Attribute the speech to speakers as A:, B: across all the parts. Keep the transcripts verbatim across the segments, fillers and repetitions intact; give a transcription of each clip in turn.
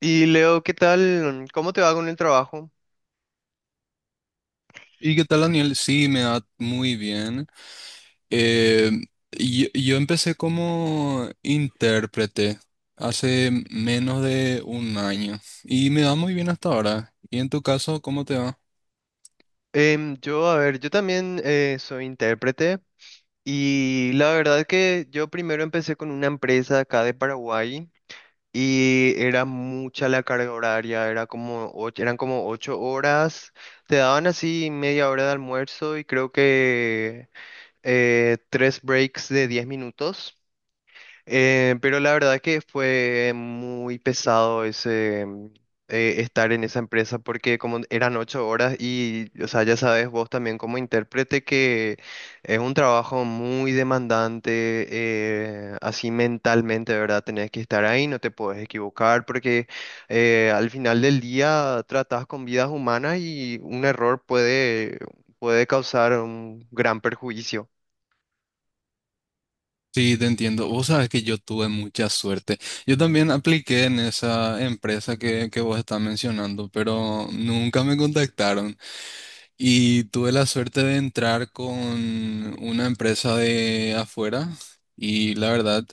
A: Y Leo, ¿qué tal? ¿Cómo te va con el trabajo?
B: ¿Y qué tal, Daniel? Sí, me da muy bien. Eh, yo, yo empecé como intérprete hace menos de un año y me va muy bien hasta ahora. ¿Y en tu caso, cómo te va?
A: Em, yo, a ver, yo también eh, soy intérprete y la verdad que yo primero empecé con una empresa acá de Paraguay y era mucha la carga horaria, era como och- eran como ocho horas, te daban así media hora de almuerzo y creo que eh, tres breaks de diez minutos. Eh, pero la verdad que fue muy pesado ese mm, eh, estar en esa empresa porque como eran ocho horas y, o sea, ya sabes vos también como intérprete que es un trabajo muy demandante, eh, así mentalmente, ¿verdad? Tenés que estar ahí, no te puedes equivocar porque eh, al final del día tratás con vidas humanas y un error puede, puede causar un gran perjuicio.
B: Sí, te entiendo. Vos sabes que yo tuve mucha suerte. Yo también apliqué en esa empresa que, que vos estás mencionando, pero nunca me contactaron. Y tuve la suerte de entrar con una empresa de afuera y la verdad...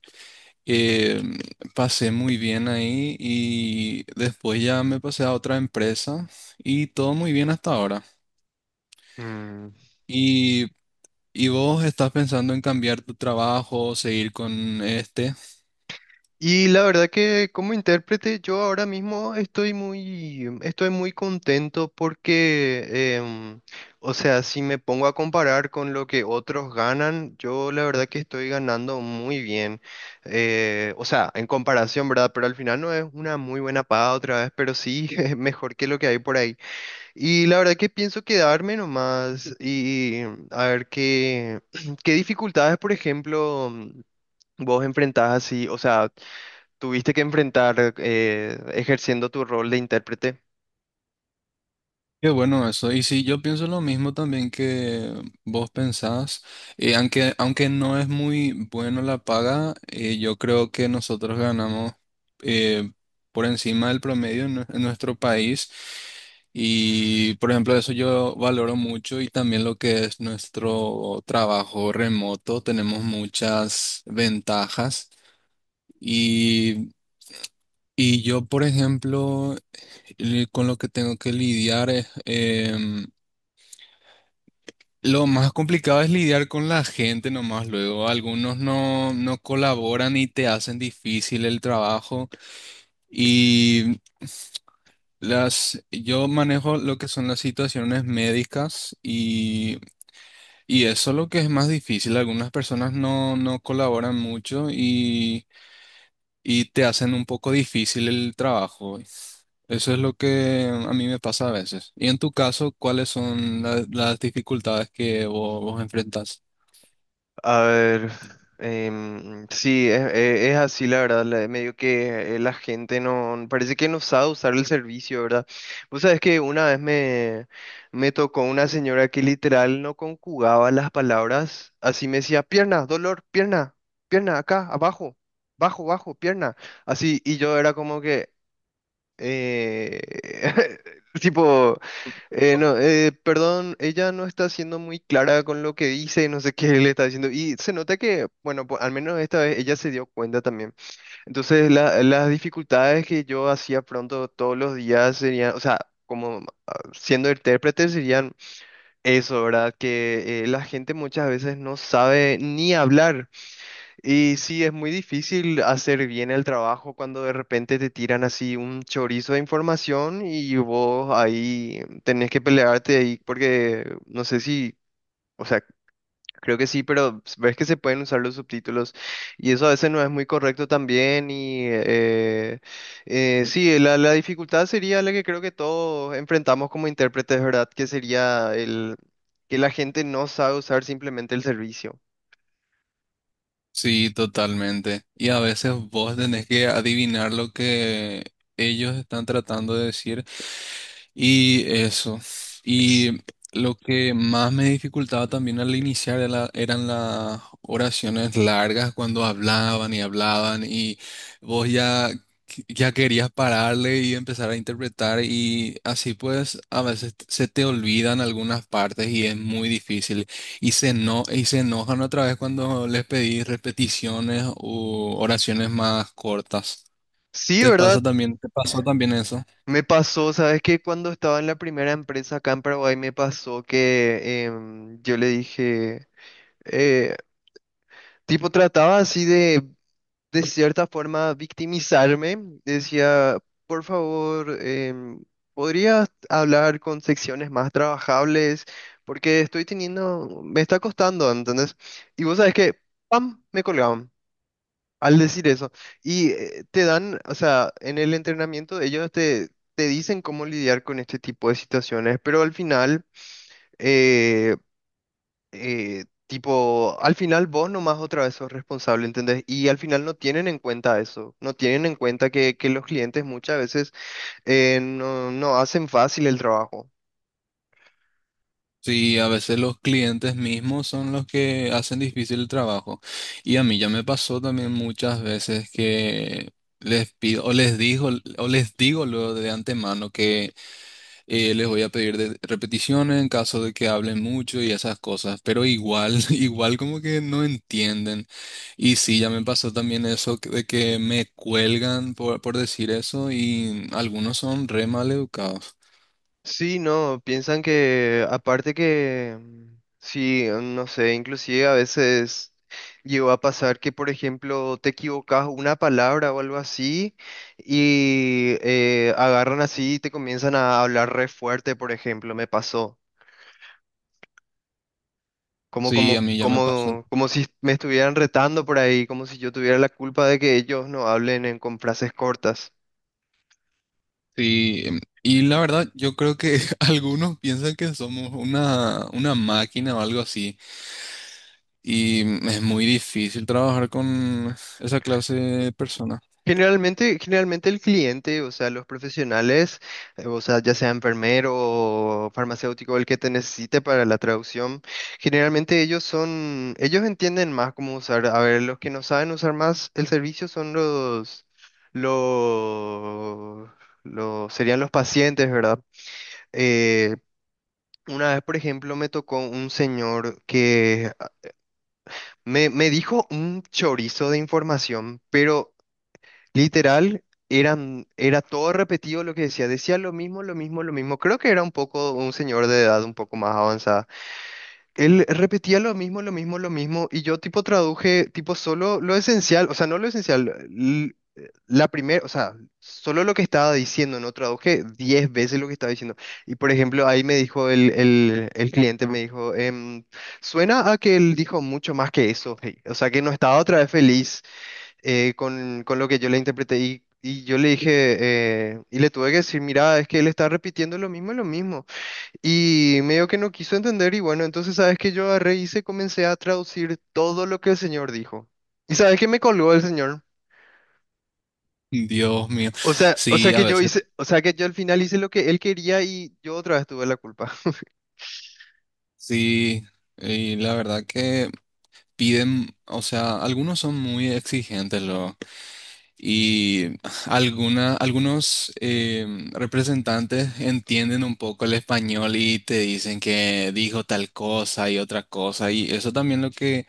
B: Eh, pasé muy bien ahí y después ya me pasé a otra empresa y todo muy bien hasta ahora.
A: Mm.
B: ¿Y, ¿y vos estás pensando en cambiar tu trabajo, seguir con este?
A: Y la verdad que como intérprete yo ahora mismo estoy muy, em, estoy muy contento porque, em, o sea, si me pongo a comparar con lo que otros ganan, yo la verdad que estoy ganando muy bien. Eh, o sea, en comparación, ¿verdad? Pero al final no es una muy buena paga otra vez, pero sí es mejor que lo que hay por ahí. Y la verdad que pienso quedarme nomás y em, a ver qué, qué dificultades, por ejemplo, mm, vos enfrentás así, o sea... Tuviste que enfrentar eh, ejerciendo tu rol de intérprete.
B: Qué bueno eso. Y sí, yo pienso lo mismo también que vos pensás. Eh, aunque, aunque no es muy bueno la paga, eh, yo creo que nosotros ganamos eh, por encima del promedio en, nue- en nuestro país. Y por ejemplo, eso yo valoro mucho y también lo que es nuestro trabajo remoto. Tenemos muchas ventajas. Y, y yo, por ejemplo, el- con lo que tengo que lidiar es... em, lo más complicado es lidiar con la gente nomás. Luego algunos no, no colaboran y te hacen difícil el trabajo. Y las, yo manejo lo que son las situaciones médicas y, y eso es lo que es más difícil. Algunas personas no, no colaboran mucho y, y te hacen un poco difícil el trabajo. Eso es lo que a mí me pasa a veces. Y en tu caso, ¿cuáles son la- las dificultades que vos, vos enfrentás?
A: A ver, em, sí, es, es- es así la verdad, la- medio que eh, la gente no, parece que no sabe usar el servicio, ¿verdad? Vos sabés que una vez me, me tocó una señora que literal no conjugaba las palabras, así me decía, pierna, dolor, pierna, pierna, acá, abajo, bajo, bajo, pierna, así, y yo era como que... Eh, tipo, eh, no, eh, perdón, ella no está siendo muy clara con lo que dice, no sé qué le está diciendo. Y se nota que, bueno, po- al menos esta vez ella se dio cuenta también. Entonces, la- las dificultades que yo hacía pronto todos los días serían, o sea, como ah, siendo intérprete serían eso, ¿verdad? Que eh, la gente muchas veces no sabe ni hablar. Y sí, es muy difícil hacer bien el trabajo cuando de repente te tiran así un chorizo de información y vos ahí tenés que pelearte ahí porque no sé si, o sea, creo que sí, pero ves que se pueden usar los subtítulos y eso a veces no es muy correcto también y eh, eh, sí, la, la dificultad sería la que creo que todos enfrentamos como intérpretes, ¿verdad? Que sería el que la gente no sabe usar simplemente el servicio.
B: Sí, totalmente. Y a veces vos tenés que adivinar lo que ellos están tratando de decir. Y eso. Y lo que más me dificultaba también al iniciar era- eran las oraciones largas cuando hablaban y hablaban y vos ya, ya querías pararle y empezar a interpretar y así pues a veces se te olvidan algunas partes y es muy difícil. Y se, eno- y se enojan otra vez cuando les pedí repeticiones u oraciones más cortas.
A: Sí,
B: ¿Te
A: ¿verdad?
B: pasa también, te pasó también eso?
A: Me pasó, ¿sabes qué? Cuando estaba en la primera empresa acá en Paraguay, me pasó que em, yo le dije, eh, tipo, trataba así de, de cierta forma, victimizarme. Decía, por favor, em, ¿podrías hablar con secciones más trabajables? Porque estoy teniendo, me está costando, ¿entendés? Y vos sabes que, ¡pam!, me colgaban. Al decir eso, y eh, te dan, o sea, en el entrenamiento ellos te, te dicen cómo lidiar con este tipo de situaciones, pero al final, eh, eh, tipo, al final vos nomás otra vez sos responsable, ¿entendés? Y al final no tienen en cuenta eso, no tienen en cuenta que, que los clientes muchas veces eh, no, no hacen fácil el trabajo.
B: Sí, a veces los clientes mismos son los que hacen difícil el trabajo. Y a mí ya me pasó también muchas veces que les pido, o les digo, o les digo luego de antemano que Eh, les voy a pedir de- repeticiones en caso de que hablen mucho y esas cosas, pero igual, igual como que no entienden. Y sí, ya me pasó también eso que- de que me cuelgan por, por decir eso y algunos son re mal educados.
A: Sí, no, piensan que aparte que, mm, sí, mm, no sé, inclusive a veces llegó a pasar que, por ejemplo, te equivocas una palabra o algo así y eh, agarran así y te comienzan a hablar re fuerte, por ejemplo, me pasó. Como,
B: Sí,
A: como,
B: a mí ya me pasó.
A: como, como si me estuvieran retando por ahí, como si yo tuviera la culpa de que ellos no hablen en, con frases cortas.
B: Sí, em, y la verdad, yo creo que algunos piensan que somos una, una máquina o algo así. Y mm, es muy difícil trabajar con esa clase de personas.
A: Generalmente, generalmente el cliente, o sea, los profesionales, eh, o sea, ya sea enfermero o farmacéutico, el que te necesite para la traducción, generalmente ellos son, ellos entienden más cómo usar. A ver, los que no saben usar más el servicio son los, los, los serían los pacientes, ¿verdad? Eh, una vez, por ejemplo, me tocó un señor que me, me dijo un chorizo de información, pero literal, eran, era todo repetido lo que decía. Decía lo mismo, lo mismo, lo mismo. Creo que era un poco un señor de edad un poco más avanzada. Él repetía lo mismo, lo mismo, lo mismo. Y yo tipo traduje tipo solo lo esencial, o sea, no lo esencial, l- la primera, o sea, solo lo que estaba diciendo, no traduje diez veces lo que estaba diciendo. Y por ejemplo, ahí me dijo el, el, el cliente, me dijo, em, suena a que él dijo mucho más que eso. Hey". O sea, que no estaba otra vez feliz eh, con, con lo que yo le interpreté y, y yo le dije, eh, y le tuve que decir, mira, es que él está repitiendo lo mismo, y lo mismo. Y medio que no quiso entender y bueno, entonces sabes que yo agarré y se comencé a traducir todo lo que el señor dijo. ¿Y sabes que me colgó el señor?
B: Dios mío.
A: O sea, o sea
B: Sí, a
A: que yo
B: veces.
A: hice, o sea que yo al final hice lo que él quería y yo otra vez tuve la culpa.
B: Sí, y la verdad que piden, o sea, algunos son muy exigentes, lo, y alguna, algunos em, representantes entienden un poco el español y te dicen que dijo tal cosa y otra cosa, y eso también lo que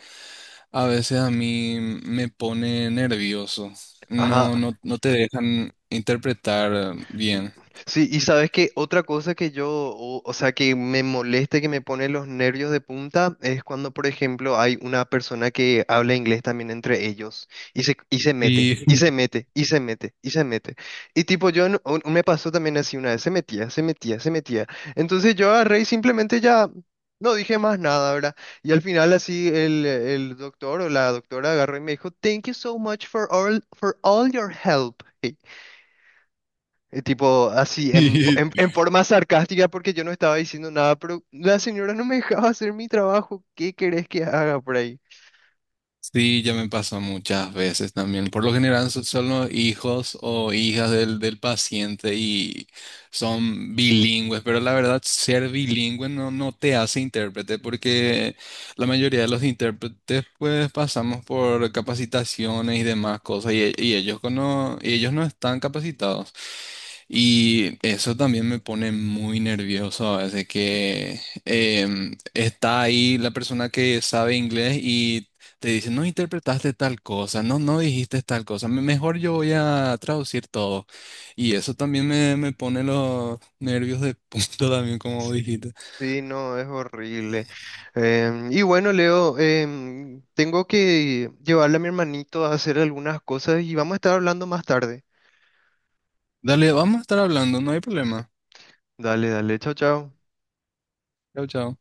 B: a veces a mí me pone nervioso.
A: Ajá.
B: No, no, no te dejan interpretar bien.
A: Sí, y sabes que otra cosa que yo, o, o sea, que me molesta, y que me pone los nervios de punta, es cuando, por ejemplo, hay una persona que habla inglés también entre ellos y se, y se mete,
B: Sí,
A: y se mete, y se mete, y se mete. Y tipo, yo en- un- me pasó también así una vez, se metía, se metía, se metía. Entonces yo agarré y simplemente ya no dije más nada, ¿verdad? Y al final así el, el doctor o la doctora agarró y me dijo, "Thank you so much for all, for all your help. Hey, eh, tipo así, en, fo- en, en forma sarcástica, porque yo no estaba diciendo nada, pero la señora no me dejaba hacer mi trabajo. ¿Qué querés que haga por ahí?
B: sí, ya me pasó muchas veces también. Por lo general so- son los hijos o hijas del, del paciente y son bilingües, pero la verdad ser bilingüe no, no te hace intérprete porque la mayoría de los intérpretes pues pasamos por capacitaciones y demás cosas y, e- y ellos cono- y ellos no están capacitados. Y eso también me pone muy nervioso a veces que em, está ahí la persona que sabe inglés y te dice, no interpretaste tal cosa, no, no dijiste tal cosa, me- mejor yo voy a traducir todo. Y eso también me, me pone los nervios de punto también, como dijiste.
A: Sí, no, es horrible. Em, y bueno, Leo, em, tengo que llevarle a mi hermanito a hacer algunas cosas y vamos a estar hablando más tarde.
B: Dale, vamos a estar hablando, no hay problema.
A: Dale, dale, chao, chao.
B: Chao, chao.